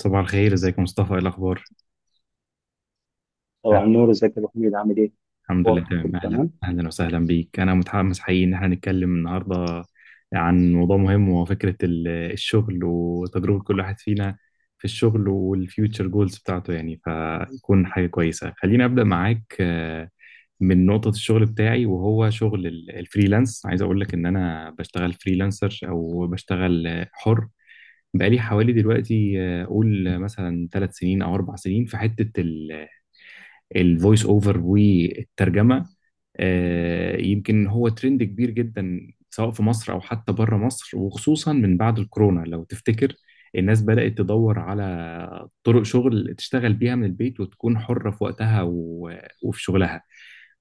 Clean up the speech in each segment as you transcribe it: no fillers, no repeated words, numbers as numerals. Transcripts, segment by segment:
صباح الخير، ازيك يا مصطفى؟ ايه الاخبار؟ أنا طبعا نور، ازيك يا ابو حميد؟ عامل ايه؟ الحمد لله أخبارك؟ كله تمام. اهلا تمام؟ اهلا وسهلا بيك. انا متحمس حقيقي ان احنا نتكلم النهارده عن موضوع مهم، وهو فكره الشغل وتجربه كل واحد فينا في الشغل والفيوتشر جولز بتاعته. يعني فيكون حاجه كويسه. خليني ابدا معاك من نقطه الشغل بتاعي، وهو شغل الفريلانس. عايز اقول لك ان انا بشتغل فريلانسر او بشتغل حر، بقالي حوالي دلوقتي قول مثلا 3 سنين او 4 سنين في حته الفويس اوفر والترجمه. يمكن هو ترند كبير جدا، سواء في مصر او حتى بره مصر، وخصوصا من بعد الكورونا لو تفتكر. الناس بدأت تدور على طرق شغل تشتغل بيها من البيت وتكون حرة في وقتها وفي شغلها.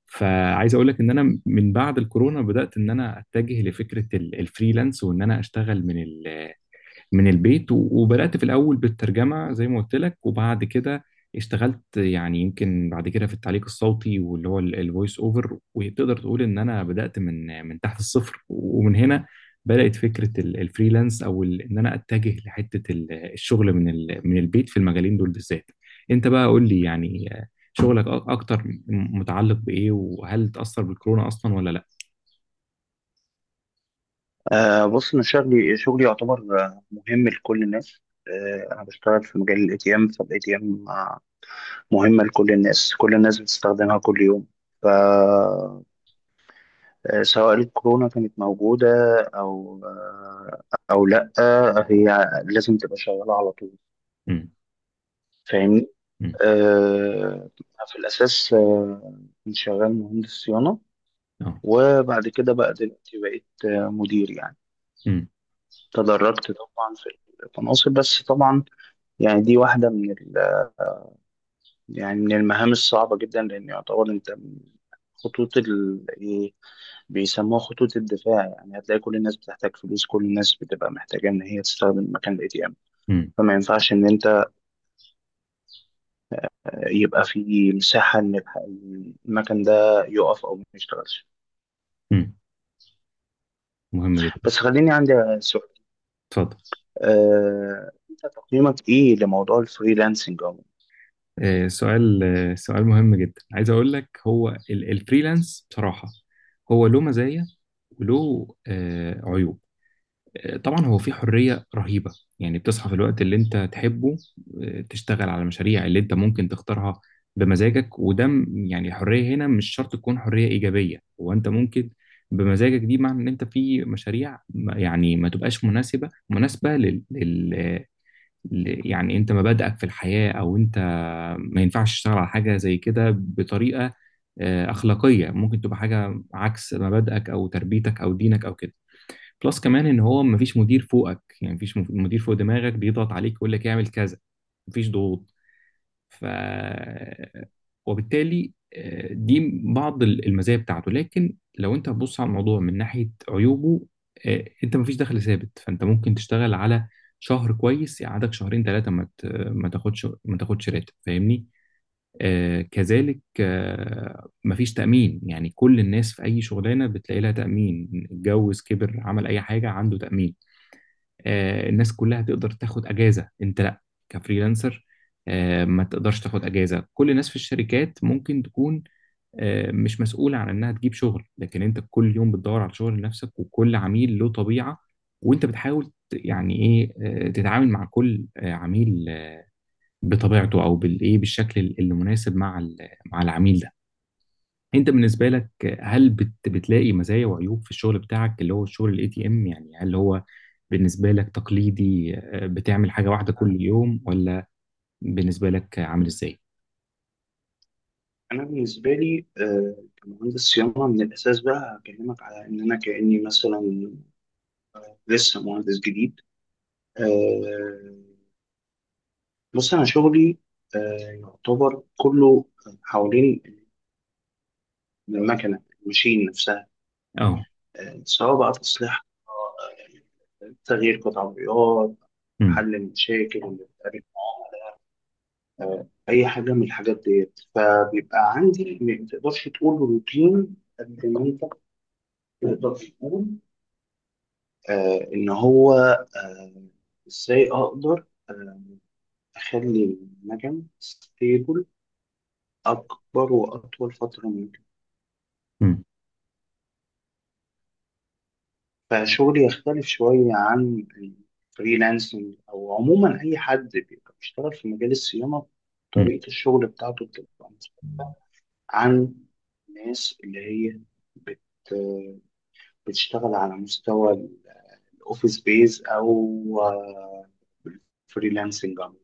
فعايز اقول لك ان انا من بعد الكورونا بدأت ان انا اتجه لفكرة الفريلانس وان انا اشتغل من البيت، وبدأت في الأول بالترجمة زي ما قلت لك، وبعد كده اشتغلت يعني يمكن بعد كده في التعليق الصوتي واللي هو الفويس اوفر. وتقدر تقول ان انا بدأت من تحت الصفر. ومن هنا بدأت فكرة الفريلانس، او ان انا اتجه لحتة الشغل من من البيت في المجالين دول بالذات. انت بقى قول لي يعني شغلك اكتر متعلق بإيه؟ وهل تأثر بالكورونا اصلا ولا لا؟ بص، انا شغلي شغلي يعتبر مهم لكل الناس. انا بشتغل في مجال الاي تي ام. فالاي تي ام مهمه لكل الناس، كل الناس بتستخدمها كل يوم. ف آه، سواء الكورونا كانت موجوده او آه او لا، هي لازم تبقى شغاله على طول. امم. فاهمني؟ امم. آه في الاساس كنت شغال مهندس صيانه، اه. وبعد كده بقى دلوقتي بقيت مدير يعني. امم. تدرجت طبعا في المناصب، بس طبعا يعني دي واحدة من ال... يعني من المهام الصعبة جدا، لأن يعتبر أنت من خطوط ال... إيه، بيسموها خطوط الدفاع. يعني هتلاقي كل الناس بتحتاج فلوس، كل الناس بتبقى محتاجة إن هي تستخدم مكان ال ATM. فما ينفعش إن أنت يبقى في مساحة إن المكان ده يقف أو ما يشتغلش. امم. مهم جدا. بس خليني عندي سؤال، اتفضل. أنت تقييمك إيه لموضوع الفريلانسنج؟ سؤال مهم جدا. عايز اقول لك هو الفريلانس بصراحة هو له مزايا وله عيوب. طبعا هو فيه حرية رهيبة، يعني بتصحى في الوقت اللي انت تحبه. تشتغل على المشاريع اللي انت ممكن تختارها بمزاجك. وده يعني الحرية هنا مش شرط تكون حرية إيجابية، هو انت ممكن بمزاجك دي معنى ان انت في مشاريع يعني ما تبقاش مناسبة يعني انت مبادئك في الحياة، او انت ما ينفعش تشتغل على حاجة زي كده بطريقة أخلاقية، ممكن تبقى حاجة عكس مبادئك أو تربيتك أو دينك أو كده. بلس كمان إن هو مفيش مدير فوقك، يعني مفيش مدير فوق دماغك بيضغط عليك ويقول لك اعمل كذا، مفيش ضغوط. ف وبالتالي دي بعض المزايا بتاعته. لكن لو انت هتبص على الموضوع من ناحية عيوبه، انت مفيش دخل ثابت. فانت ممكن تشتغل على شهر كويس يقعدك شهرين 3 ما تاخدش راتب، فاهمني. كذلك مفيش تأمين، يعني كل الناس في أي شغلانة بتلاقي لها تأمين، اتجوز كبر عمل أي حاجة عنده تأمين. الناس كلها تقدر تاخد اجازه، انت لا، كفريلانسر ما تقدرش تاخد اجازه. كل الناس في الشركات ممكن تكون مش مسؤوله عن انها تجيب شغل، لكن انت كل يوم بتدور على شغل لنفسك، وكل عميل له طبيعه، وانت بتحاول يعني ايه تتعامل مع كل عميل بطبيعته او بالايه بالشكل المناسب مع مع العميل ده. انت بالنسبه لك هل بتلاقي مزايا وعيوب في الشغل بتاعك اللي هو الشغل الاي تي ام؟ يعني هل هو بالنسبه لك تقليدي بتعمل حاجه واحده كل يوم؟ ولا بالنسبه لك عامل ازاي؟ انا بالنسبه لي، كمهندس صيانه من الاساس، بقى هكلمك على ان انا كاني مثلا لسه مهندس جديد. آه، بص، انا شغلي يعتبر كله حوالين المكنه، الماشين نفسها. اه. سواء بقى تصليح، تغيير قطع غيار، امم. حل المشاكل اللي بتقابل اي حاجه من الحاجات ديت. فبيبقى عندي، ما تقدرش تقول روتين قد ما انت تقدر تقول آه، إن هو آه، إزاي أقدر آه، أخلي النجم ستيبل أكبر وأطول فترة ممكن. امم. فشغلي يختلف شوية عن الفريلانسنج، أو عموما أي حد بيبقى بيشتغل في مجال الصيانة، امم. طريقة الشغل بتاعته بتبقى مختلفة عن الناس اللي هي بت بتشتغل على مستوى الأوفيس بيز، أو آه، الفريلانسنج عموما.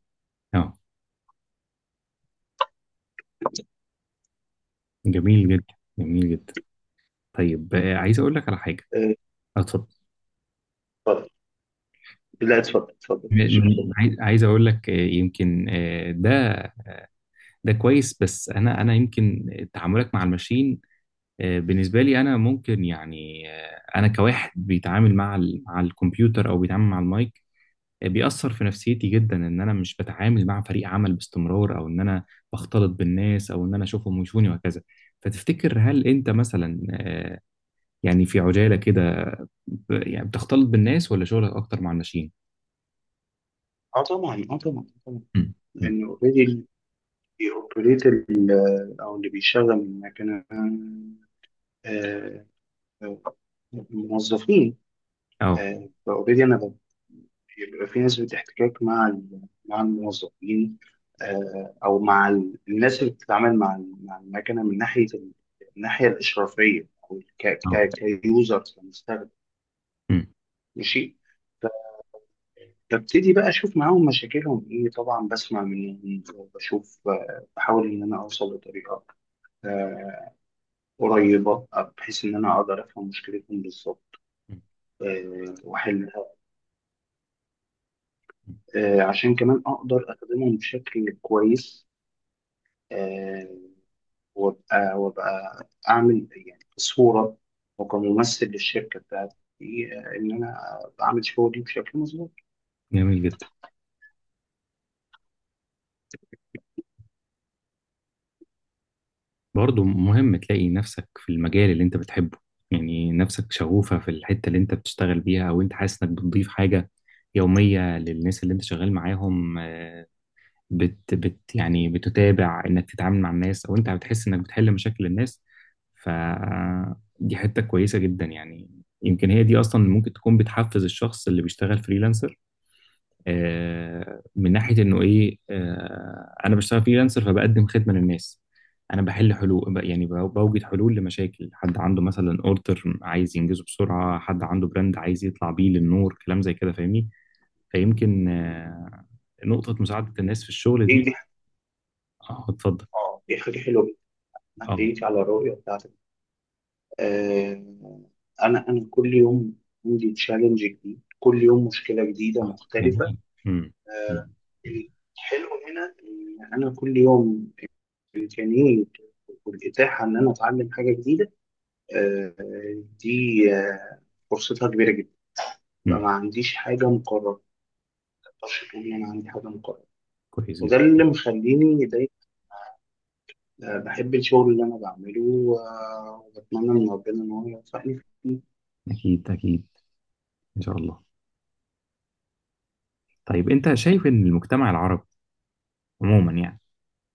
اه. جميل جدا، جميل جدا. طيب عايز اقول لك على حاجه. آه، اتفضل. اتفضل. لا اتفضل، اتفضل، مفيش، اتفضل. عايز اقول لك يمكن ده كويس. بس انا يمكن تعاملك مع الماشين بالنسبة لي أنا ممكن يعني أنا كواحد بيتعامل مع مع الكمبيوتر أو بيتعامل مع المايك بيأثر في نفسيتي جدا إن أنا مش بتعامل مع فريق عمل باستمرار، أو إن أنا بختلط بالناس، أو إن أنا أشوفهم ويشوفوني وهكذا. فتفتكر هل أنت مثلا يعني في عجالة كده يعني بتختلط بالناس؟ ولا شغلك أكتر مع الناشئين؟ اه طبعا، اه طبعا طبعا. مم. مم. لان اوريدي اللي بيوبريت ال- او اللي بيشغل المكنه، آه، آه، الموظفين. أه. فاوريدي بيبقى في نسبه احتكاك مع مع الموظفين، او مع الناس اللي بتتعامل مع مع المكنه، من ناحيه الناحيه الاشرافيه، او أه. كيوزر، كمستخدم. أمم. ماشي، ببتدي بقى اشوف معاهم مشاكلهم ايه، طبعا بسمع منهم وبشوف، بحاول ان انا اوصل لطريقه آه، قريبه، بحيث ان انا اقدر افهم مشكلتهم بالظبط واحلها، عشان كمان اقدر اخدمهم بشكل كويس. آه، وابقى اعمل يعني كصوره وكممثل للشركه بتاعتي، ان انا بعمل شغلي بشكل مظبوط. جميل جدا. برضه مهم تلاقي نفسك في المجال اللي انت بتحبه، يعني نفسك شغوفة في الحتة اللي انت بتشتغل بيها، او انت حاسس انك بتضيف حاجة يومية للناس اللي انت شغال معاهم. بت, بت يعني بتتابع انك تتعامل مع الناس، او انت بتحس انك بتحل مشاكل الناس. فدي حتة كويسة جدا يعني. يمكن هي دي اصلا ممكن تكون بتحفز الشخص اللي بيشتغل فريلانسر من ناحيه انه ايه انا بشتغل فريلانسر، فبقدم خدمه للنس. انا بحل حلول يعني بوجد حلول لمشاكل، حد عنده مثلا اوردر عايز ينجزه بسرعه، حد عنده براند عايز يطلع بيه للنور، كلام زي كده، فاهمني. فيمكن نقطه مساعده الناس في الشغل ايه دي. دي؟ اه اتفضل. اه، دي حاجه حلوه جدا. أنا اه احييك على الرؤيه بتاعتك. آه، انا كل يوم عندي تشالنج جديد، كل يوم مشكله جديده مختلفه. جميل. مم. آه، مم. الحلو هنا ان انا كل يوم امكانيه والاتاحه ان انا اتعلم حاجه جديده، آه، دي آه، فرصتها كبيره جدا. مم. فما عنديش حاجه مقرره، ما اقدرش اقول ان انا عندي حاجه مقرره. كويس وده جدا. اللي مخليني دايما بحب الشغل اللي انا بعمله، وبتمنى من ربنا ان هو يوفقني فيه. أكيد أكيد. إن شاء الله. طيب أنت شايف إن المجتمع العربي عموما يعني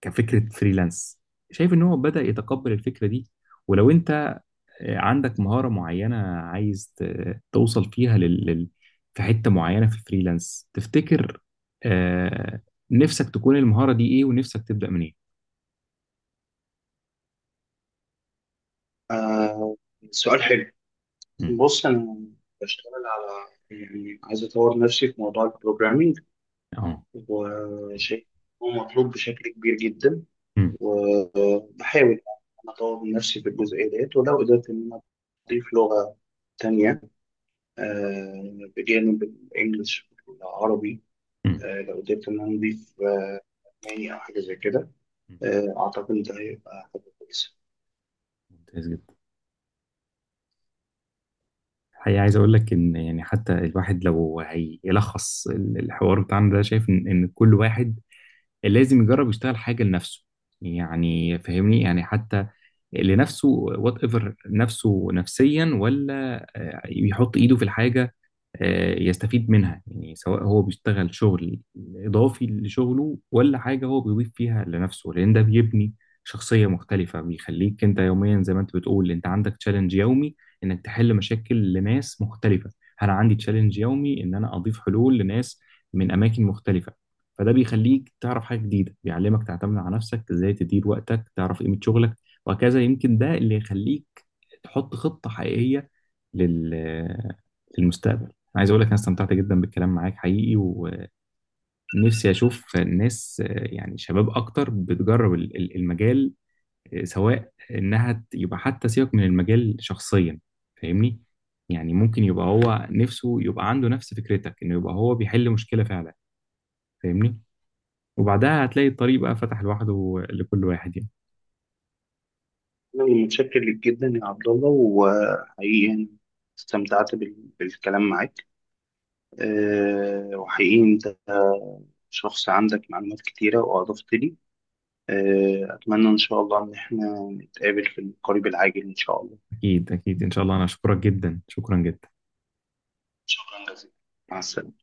كفكرة فريلانس، شايف ان هو بدأ يتقبل الفكرة دي؟ ولو انت عندك مهارة معينة عايز توصل فيها في حتة معينة في الفريلانس، تفتكر آه... نفسك تكون المهارة دي ايه ونفسك تبدأ منين؟ آه، سؤال حلو. مم. بص، أنا بشتغل على، يعني عايز أطور نفسي في موضوع البروجرامينج، اه. وشيء هو مطلوب بشكل كبير جدا. مم. وبحاول أنا أطور من نفسي في الجزئية ديت، ولو قدرت إن أنا أضيف لغة تانية، بجانب الإنجليش والعربي، مم. لو قدرت إن أنا أضيف ألماني أو حاجة زي كده، مم. أعتقد إن ده هيبقى حاجة كويسة. ممتاز جدا. الحقيقة عايز أقول لك إن يعني حتى الواحد لو هيلخص الحوار بتاعنا ده، شايف إن كل واحد لازم يجرب يشتغل حاجة لنفسه، يعني فاهمني، يعني حتى لنفسه وات ايفر، نفسه نفسيا ولا يحط ايده في الحاجه يستفيد منها. يعني سواء هو بيشتغل شغل إضافي لشغله ولا حاجة هو بيضيف فيها لنفسه، لأن ده بيبني شخصية مختلفة. بيخليك أنت يوميا زي ما أنت بتقول أنت عندك تشالنج يومي إنك تحل مشاكل لناس مختلفة. أنا عندي تشالنج يومي إن أنا أضيف حلول لناس من أماكن مختلفة. فده بيخليك تعرف حاجة جديدة، بيعلمك تعتمد على نفسك، إزاي تدير وقتك، تعرف قيمة شغلك، وهكذا. يمكن ده اللي يخليك تحط خطة حقيقية لل... للمستقبل. أنا عايز أقول لك أنا استمتعت جدا بالكلام معاك، حقيقي، ونفسي أشوف الناس يعني شباب أكتر بتجرب المجال، سواء إنها يبقى حتى سيبك من المجال شخصيا، فاهمني. يعني ممكن يبقى هو نفسه يبقى عنده نفس فكرتك إنه يبقى هو بيحل مشكلة فعلا، فاهمني. وبعدها هتلاقي الطريق بقى فتح لوحده لكل واحد يعني. أنا متشكر ليك جدا يا عبد الله، وحقيقي يعني استمتعت بالكلام معاك. وحقيقي أنت شخص عندك معلومات كتيرة وأضفت لي. أتمنى إن شاء الله إن إحنا نتقابل في القريب العاجل إن شاء الله. أكيد أكيد إن شاء الله، أنا أشكرك جدا، شكرا جدا. شكرا جزيلا، مع السلامة.